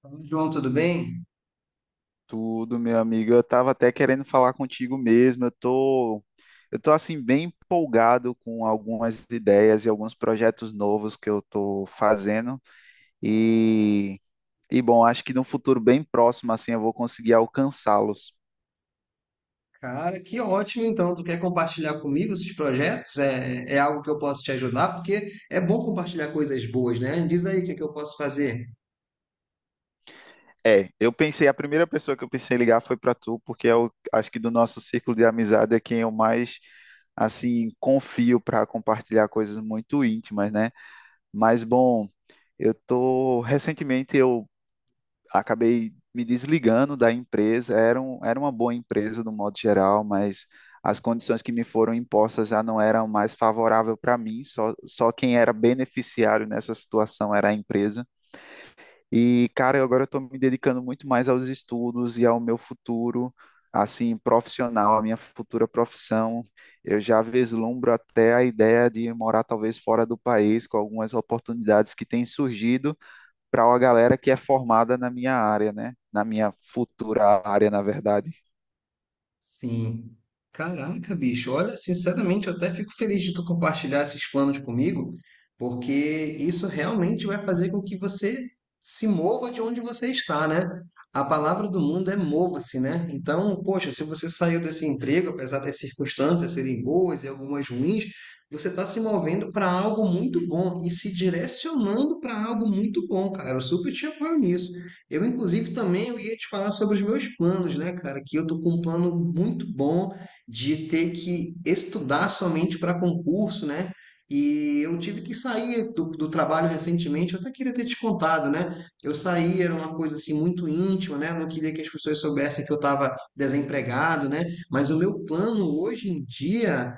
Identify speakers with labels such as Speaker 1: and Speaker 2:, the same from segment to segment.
Speaker 1: Fala, João, tudo bem?
Speaker 2: Tudo, meu amigo. Eu tava até querendo falar contigo mesmo. Eu tô assim bem empolgado com algumas ideias e alguns projetos novos que eu tô fazendo e e bom, acho que no futuro bem próximo assim eu vou conseguir alcançá-los.
Speaker 1: Cara, que ótimo então! Tu quer compartilhar comigo esses projetos? É algo que eu posso te ajudar, porque é bom compartilhar coisas boas, né? Diz aí o que é que eu posso fazer.
Speaker 2: É, eu pensei, a primeira pessoa que eu pensei em ligar foi para tu, porque eu acho que do nosso círculo de amizade é quem eu mais assim confio para compartilhar coisas muito íntimas, né? Mas bom, eu tô recentemente eu acabei me desligando da empresa. Era uma boa empresa no modo geral, mas as condições que me foram impostas já não eram mais favoráveis para mim. Só quem era beneficiário nessa situação era a empresa. E, cara, eu agora estou me dedicando muito mais aos estudos e ao meu futuro, assim, profissional, a minha futura profissão. Eu já vislumbro até a ideia de morar talvez fora do país, com algumas oportunidades que têm surgido para uma galera que é formada na minha área, né? Na minha futura área, na verdade.
Speaker 1: Sim. Caraca, bicho, olha, sinceramente, eu até fico feliz de tu compartilhar esses planos comigo, porque isso realmente vai fazer com que você se mova de onde você está, né? A palavra do mundo é mova-se, né? Então, poxa, se você saiu desse emprego, apesar das circunstâncias serem boas e algumas ruins, você está se movendo para algo muito bom e se direcionando para algo muito bom, cara. Eu super te apoio nisso. Eu, inclusive, também eu ia te falar sobre os meus planos, né, cara? Que eu tô com um plano muito bom de ter que estudar somente para concurso, né? E eu tive que sair do trabalho recentemente, eu até queria ter te contado, né? Eu saí, era uma coisa assim muito íntima, né? Eu não queria que as pessoas soubessem que eu estava desempregado, né? Mas o meu plano hoje em dia,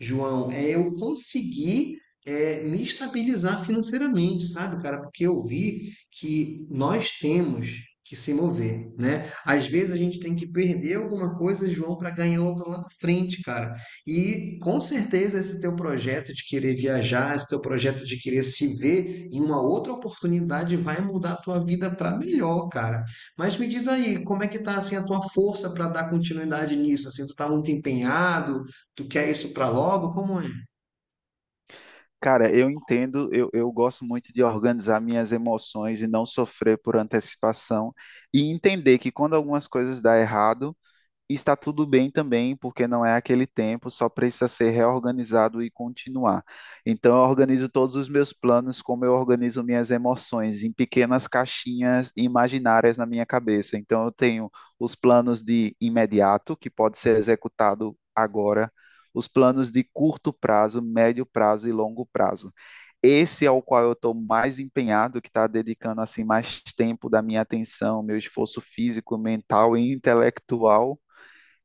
Speaker 1: João, é eu conseguir me estabilizar financeiramente, sabe, cara? Porque eu vi que nós temos que se mover, né? Às vezes a gente tem que perder alguma coisa, João, para ganhar outra lá na frente, cara. E com certeza esse teu projeto de querer viajar, esse teu projeto de querer se ver em uma outra oportunidade vai mudar a tua vida para melhor, cara. Mas me diz aí, como é que tá assim a tua força para dar continuidade nisso? Assim, tu tá muito empenhado? Tu quer isso para logo? Como é?
Speaker 2: Cara, eu entendo, eu gosto muito de organizar minhas emoções e não sofrer por antecipação e entender que quando algumas coisas dão errado, e está tudo bem também, porque não é aquele tempo, só precisa ser reorganizado e continuar. Então, eu organizo todos os meus planos, como eu organizo minhas emoções, em pequenas caixinhas imaginárias na minha cabeça. Então, eu tenho os planos de imediato, que pode ser executado agora, os planos de curto prazo, médio prazo e longo prazo. Esse é o qual eu estou mais empenhado, que está dedicando assim mais tempo da minha atenção, meu esforço físico, mental e intelectual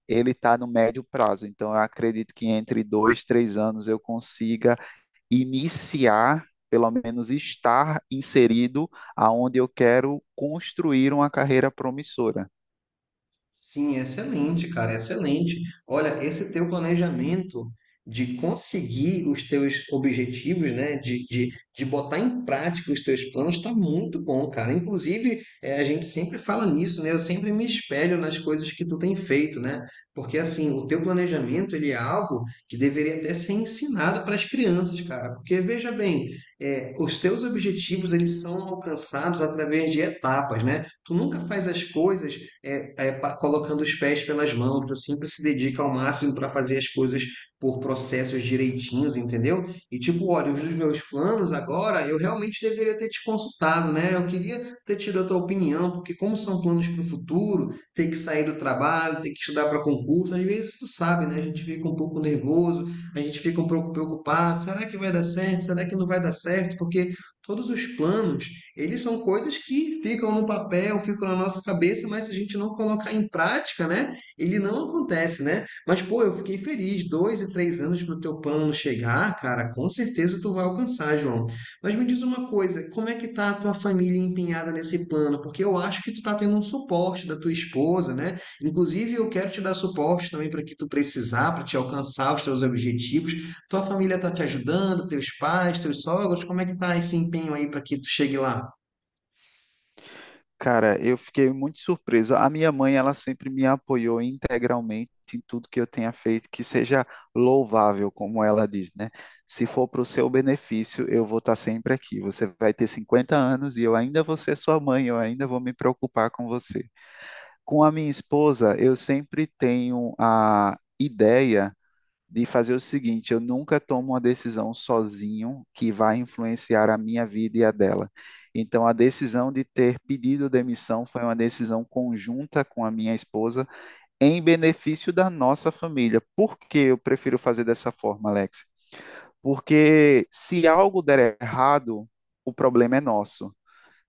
Speaker 2: ele está no médio prazo. Então, eu acredito que entre 2, 3 anos eu consiga iniciar, pelo menos estar inserido aonde eu quero construir uma carreira promissora.
Speaker 1: Sim, excelente, cara, excelente. Olha, esse teu planejamento de conseguir os teus objetivos, né, de botar em prática os teus planos, está muito bom, cara. Inclusive, a gente sempre fala nisso, né? Eu sempre me espelho nas coisas que tu tem feito, né? Porque, assim, o teu planejamento, ele é algo que deveria até ser ensinado para as crianças, cara. Porque, veja bem, os teus objetivos, eles são alcançados através de etapas, né? Tu nunca faz as coisas colocando os pés pelas mãos, tu sempre se dedica ao máximo para fazer as coisas por processos direitinhos, entendeu? E tipo, olha, os meus planos agora, eu realmente deveria ter te consultado, né? Eu queria ter tido a tua opinião, porque como são planos para o futuro, ter que sair do trabalho, ter que estudar para concurso, às vezes tu sabe, né? A gente fica um pouco nervoso, a gente fica um pouco preocupado, será que vai dar certo? Será que não vai dar certo? Porque todos os planos, eles são coisas que ficam no papel, ficam na nossa cabeça, mas se a gente não colocar em prática, né, ele não acontece, né? Mas, pô, eu fiquei feliz, dois e três anos para o teu plano chegar, cara, com certeza tu vai alcançar, João. Mas me diz uma coisa, como é que tá a tua família empenhada nesse plano? Porque eu acho que tu tá tendo um suporte da tua esposa, né? Inclusive, eu quero te dar suporte também para que tu precisar, para te alcançar os teus objetivos. Tua família tá te ajudando, teus pais, teus sogros, como é que tá esse empenho aí para que tu chegue lá?
Speaker 2: Cara, eu fiquei muito surpreso. A minha mãe, ela sempre me apoiou integralmente em tudo que eu tenha feito, que seja louvável, como ela diz, né? Se for para o seu benefício, eu vou estar sempre aqui. Você vai ter 50 anos e eu ainda vou ser sua mãe, eu ainda vou me preocupar com você. Com a minha esposa, eu sempre tenho a ideia de fazer o seguinte: eu nunca tomo uma decisão sozinho que vai influenciar a minha vida e a dela. Então, a decisão de ter pedido demissão foi uma decisão conjunta com a minha esposa, em benefício da nossa família. Por que eu prefiro fazer dessa forma, Alex? Porque se algo der errado, o problema é nosso.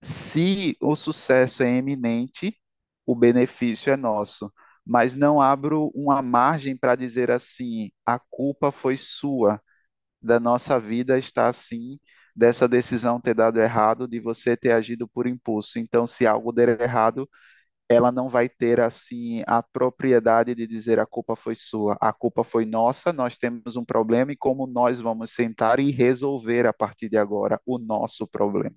Speaker 2: Se o sucesso é eminente, o benefício é nosso, mas não abro uma margem para dizer assim: a culpa foi sua, da nossa vida está assim, dessa decisão ter dado errado, de você ter agido por impulso. Então, se algo der errado, ela não vai ter assim a propriedade de dizer a culpa foi sua, a culpa foi nossa, nós temos um problema e como nós vamos sentar e resolver a partir de agora o nosso problema.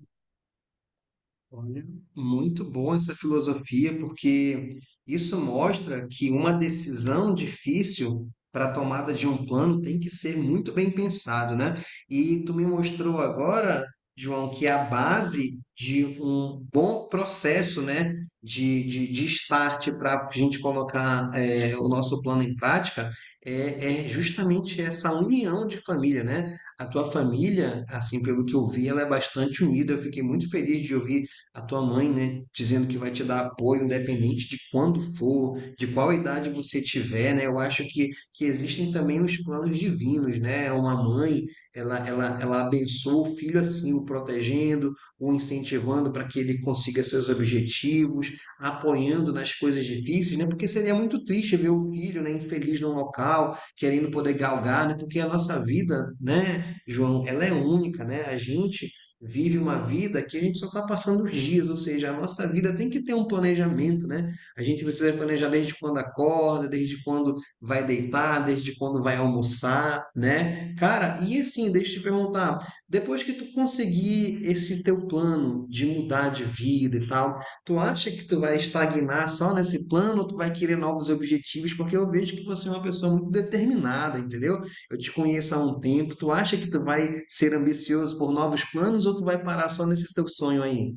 Speaker 1: Olha, muito bom essa filosofia, porque isso mostra que uma decisão difícil para a tomada de um plano tem que ser muito bem pensado, né? E tu me mostrou agora, João, que é a base de um bom processo, né, de start para a gente colocar, o nosso plano em prática é justamente essa união de família, né? A tua família, assim, pelo que eu vi, ela é bastante unida. Eu fiquei muito feliz de ouvir a tua mãe, né, dizendo que vai te dar apoio independente de quando for, de qual idade você tiver, né? Eu acho que existem também os planos divinos, né? Uma mãe, ela abençoa o filho assim, o protegendo, o incentivando para que ele consiga seus objetivos, apoiando nas coisas difíceis, né? Porque seria muito triste ver o filho, né, infeliz num local, querendo poder galgar, né? Porque a nossa vida, né, João, ela é única, né? A gente vive uma vida que a gente só está passando os dias, ou seja, a nossa vida tem que ter um planejamento, né? A gente precisa planejar desde quando acorda, desde quando vai deitar, desde quando vai almoçar, né? Cara, e assim, deixa eu te perguntar, depois que tu conseguir esse teu plano de mudar de vida e tal, tu acha que tu vai estagnar só nesse plano ou tu vai querer novos objetivos? Porque eu vejo que você é uma pessoa muito determinada, entendeu? Eu te conheço há um tempo. Tu acha que tu vai ser ambicioso por novos planos ou tu vai parar só nesse teu sonho aí?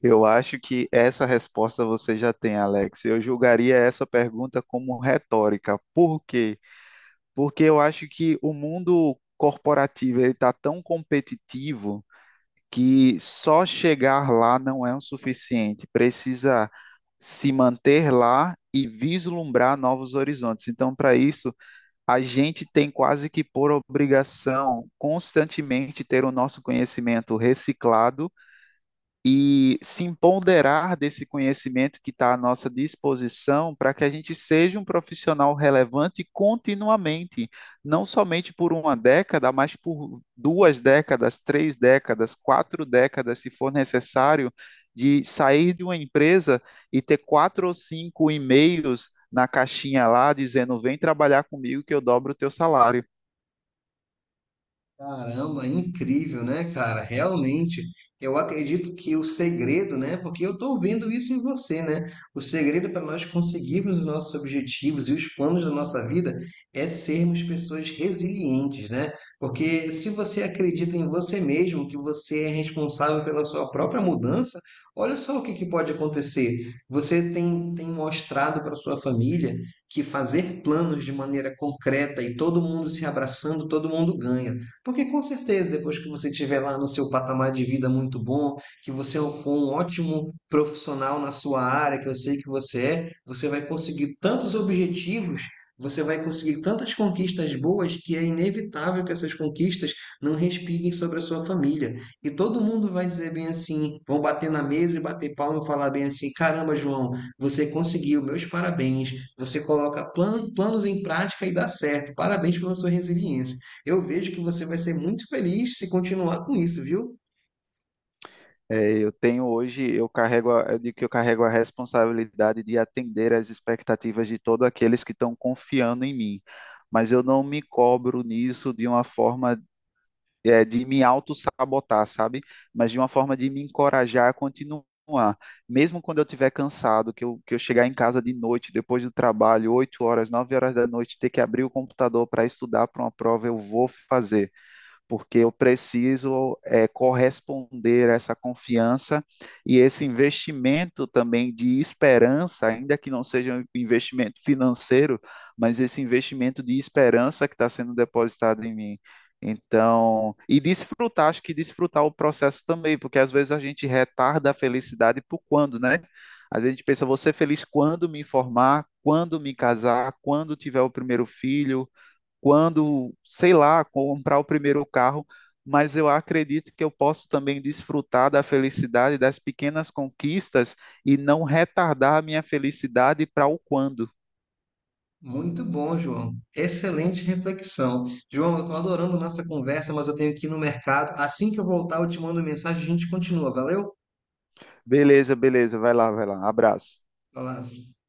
Speaker 2: Eu acho que essa resposta você já tem, Alex. Eu julgaria essa pergunta como retórica. Por quê? Porque eu acho que o mundo corporativo ele está tão competitivo que só chegar lá não é o suficiente. Precisa se manter lá e vislumbrar novos horizontes. Então, para isso, a gente tem quase que por obrigação constantemente ter o nosso conhecimento reciclado e se empoderar desse conhecimento que está à nossa disposição para que a gente seja um profissional relevante continuamente, não somente por uma década, mas por 2 décadas, 3 décadas, 4 décadas, se for necessário, de sair de uma empresa e ter 4 ou 5 e-mails na caixinha lá dizendo: vem trabalhar comigo que eu dobro o teu salário.
Speaker 1: Caramba, incrível, né, cara? Realmente, eu acredito que o segredo, né? Porque eu estou vendo isso em você, né? O segredo para nós conseguirmos os nossos objetivos e os planos da nossa vida é sermos pessoas resilientes, né? Porque se você acredita em você mesmo, que você é responsável pela sua própria mudança, olha só o que que pode acontecer. Você tem mostrado para sua família que fazer planos de maneira concreta e todo mundo se abraçando, todo mundo ganha. Porque com certeza, depois que você estiver lá no seu patamar de vida muito bom, que você for um ótimo profissional na sua área, que eu sei que você é, você vai conseguir tantos objetivos, você vai conseguir tantas conquistas boas que é inevitável que essas conquistas não respinguem sobre a sua família. E todo mundo vai dizer bem assim, vão bater na mesa e bater palma e falar bem assim: caramba, João, você conseguiu, meus parabéns. Você coloca planos em prática e dá certo. Parabéns pela sua resiliência. Eu vejo que você vai ser muito feliz se continuar com isso, viu?
Speaker 2: É, eu tenho hoje, eu carrego, a, eu digo que eu carrego a responsabilidade de atender às expectativas de todos aqueles que estão confiando em mim, mas eu não me cobro nisso de uma forma, de me auto-sabotar, sabe? Mas de uma forma de me encorajar a continuar. Mesmo quando eu estiver cansado, que eu chegar em casa de noite, depois do trabalho, 8 horas, 9 horas da noite, ter que abrir o computador para estudar para uma prova, eu vou fazer porque eu preciso corresponder a essa confiança e esse investimento também de esperança, ainda que não seja um investimento financeiro, mas esse investimento de esperança que está sendo depositado em mim. Então, e desfrutar, acho que desfrutar o processo também, porque às vezes a gente retarda a felicidade por quando, né? Às vezes a gente pensa, vou ser feliz quando me formar, quando me casar, quando tiver o primeiro filho, quando, sei lá, comprar o primeiro carro, mas eu acredito que eu posso também desfrutar da felicidade das pequenas conquistas e não retardar a minha felicidade para o quando.
Speaker 1: Muito bom, João. Excelente reflexão. João, eu estou adorando a nossa conversa, mas eu tenho que ir no mercado. Assim que eu voltar, eu te mando mensagem e a gente continua. Valeu?
Speaker 2: Beleza, beleza, vai lá, vai lá. Abraço.
Speaker 1: Abraço.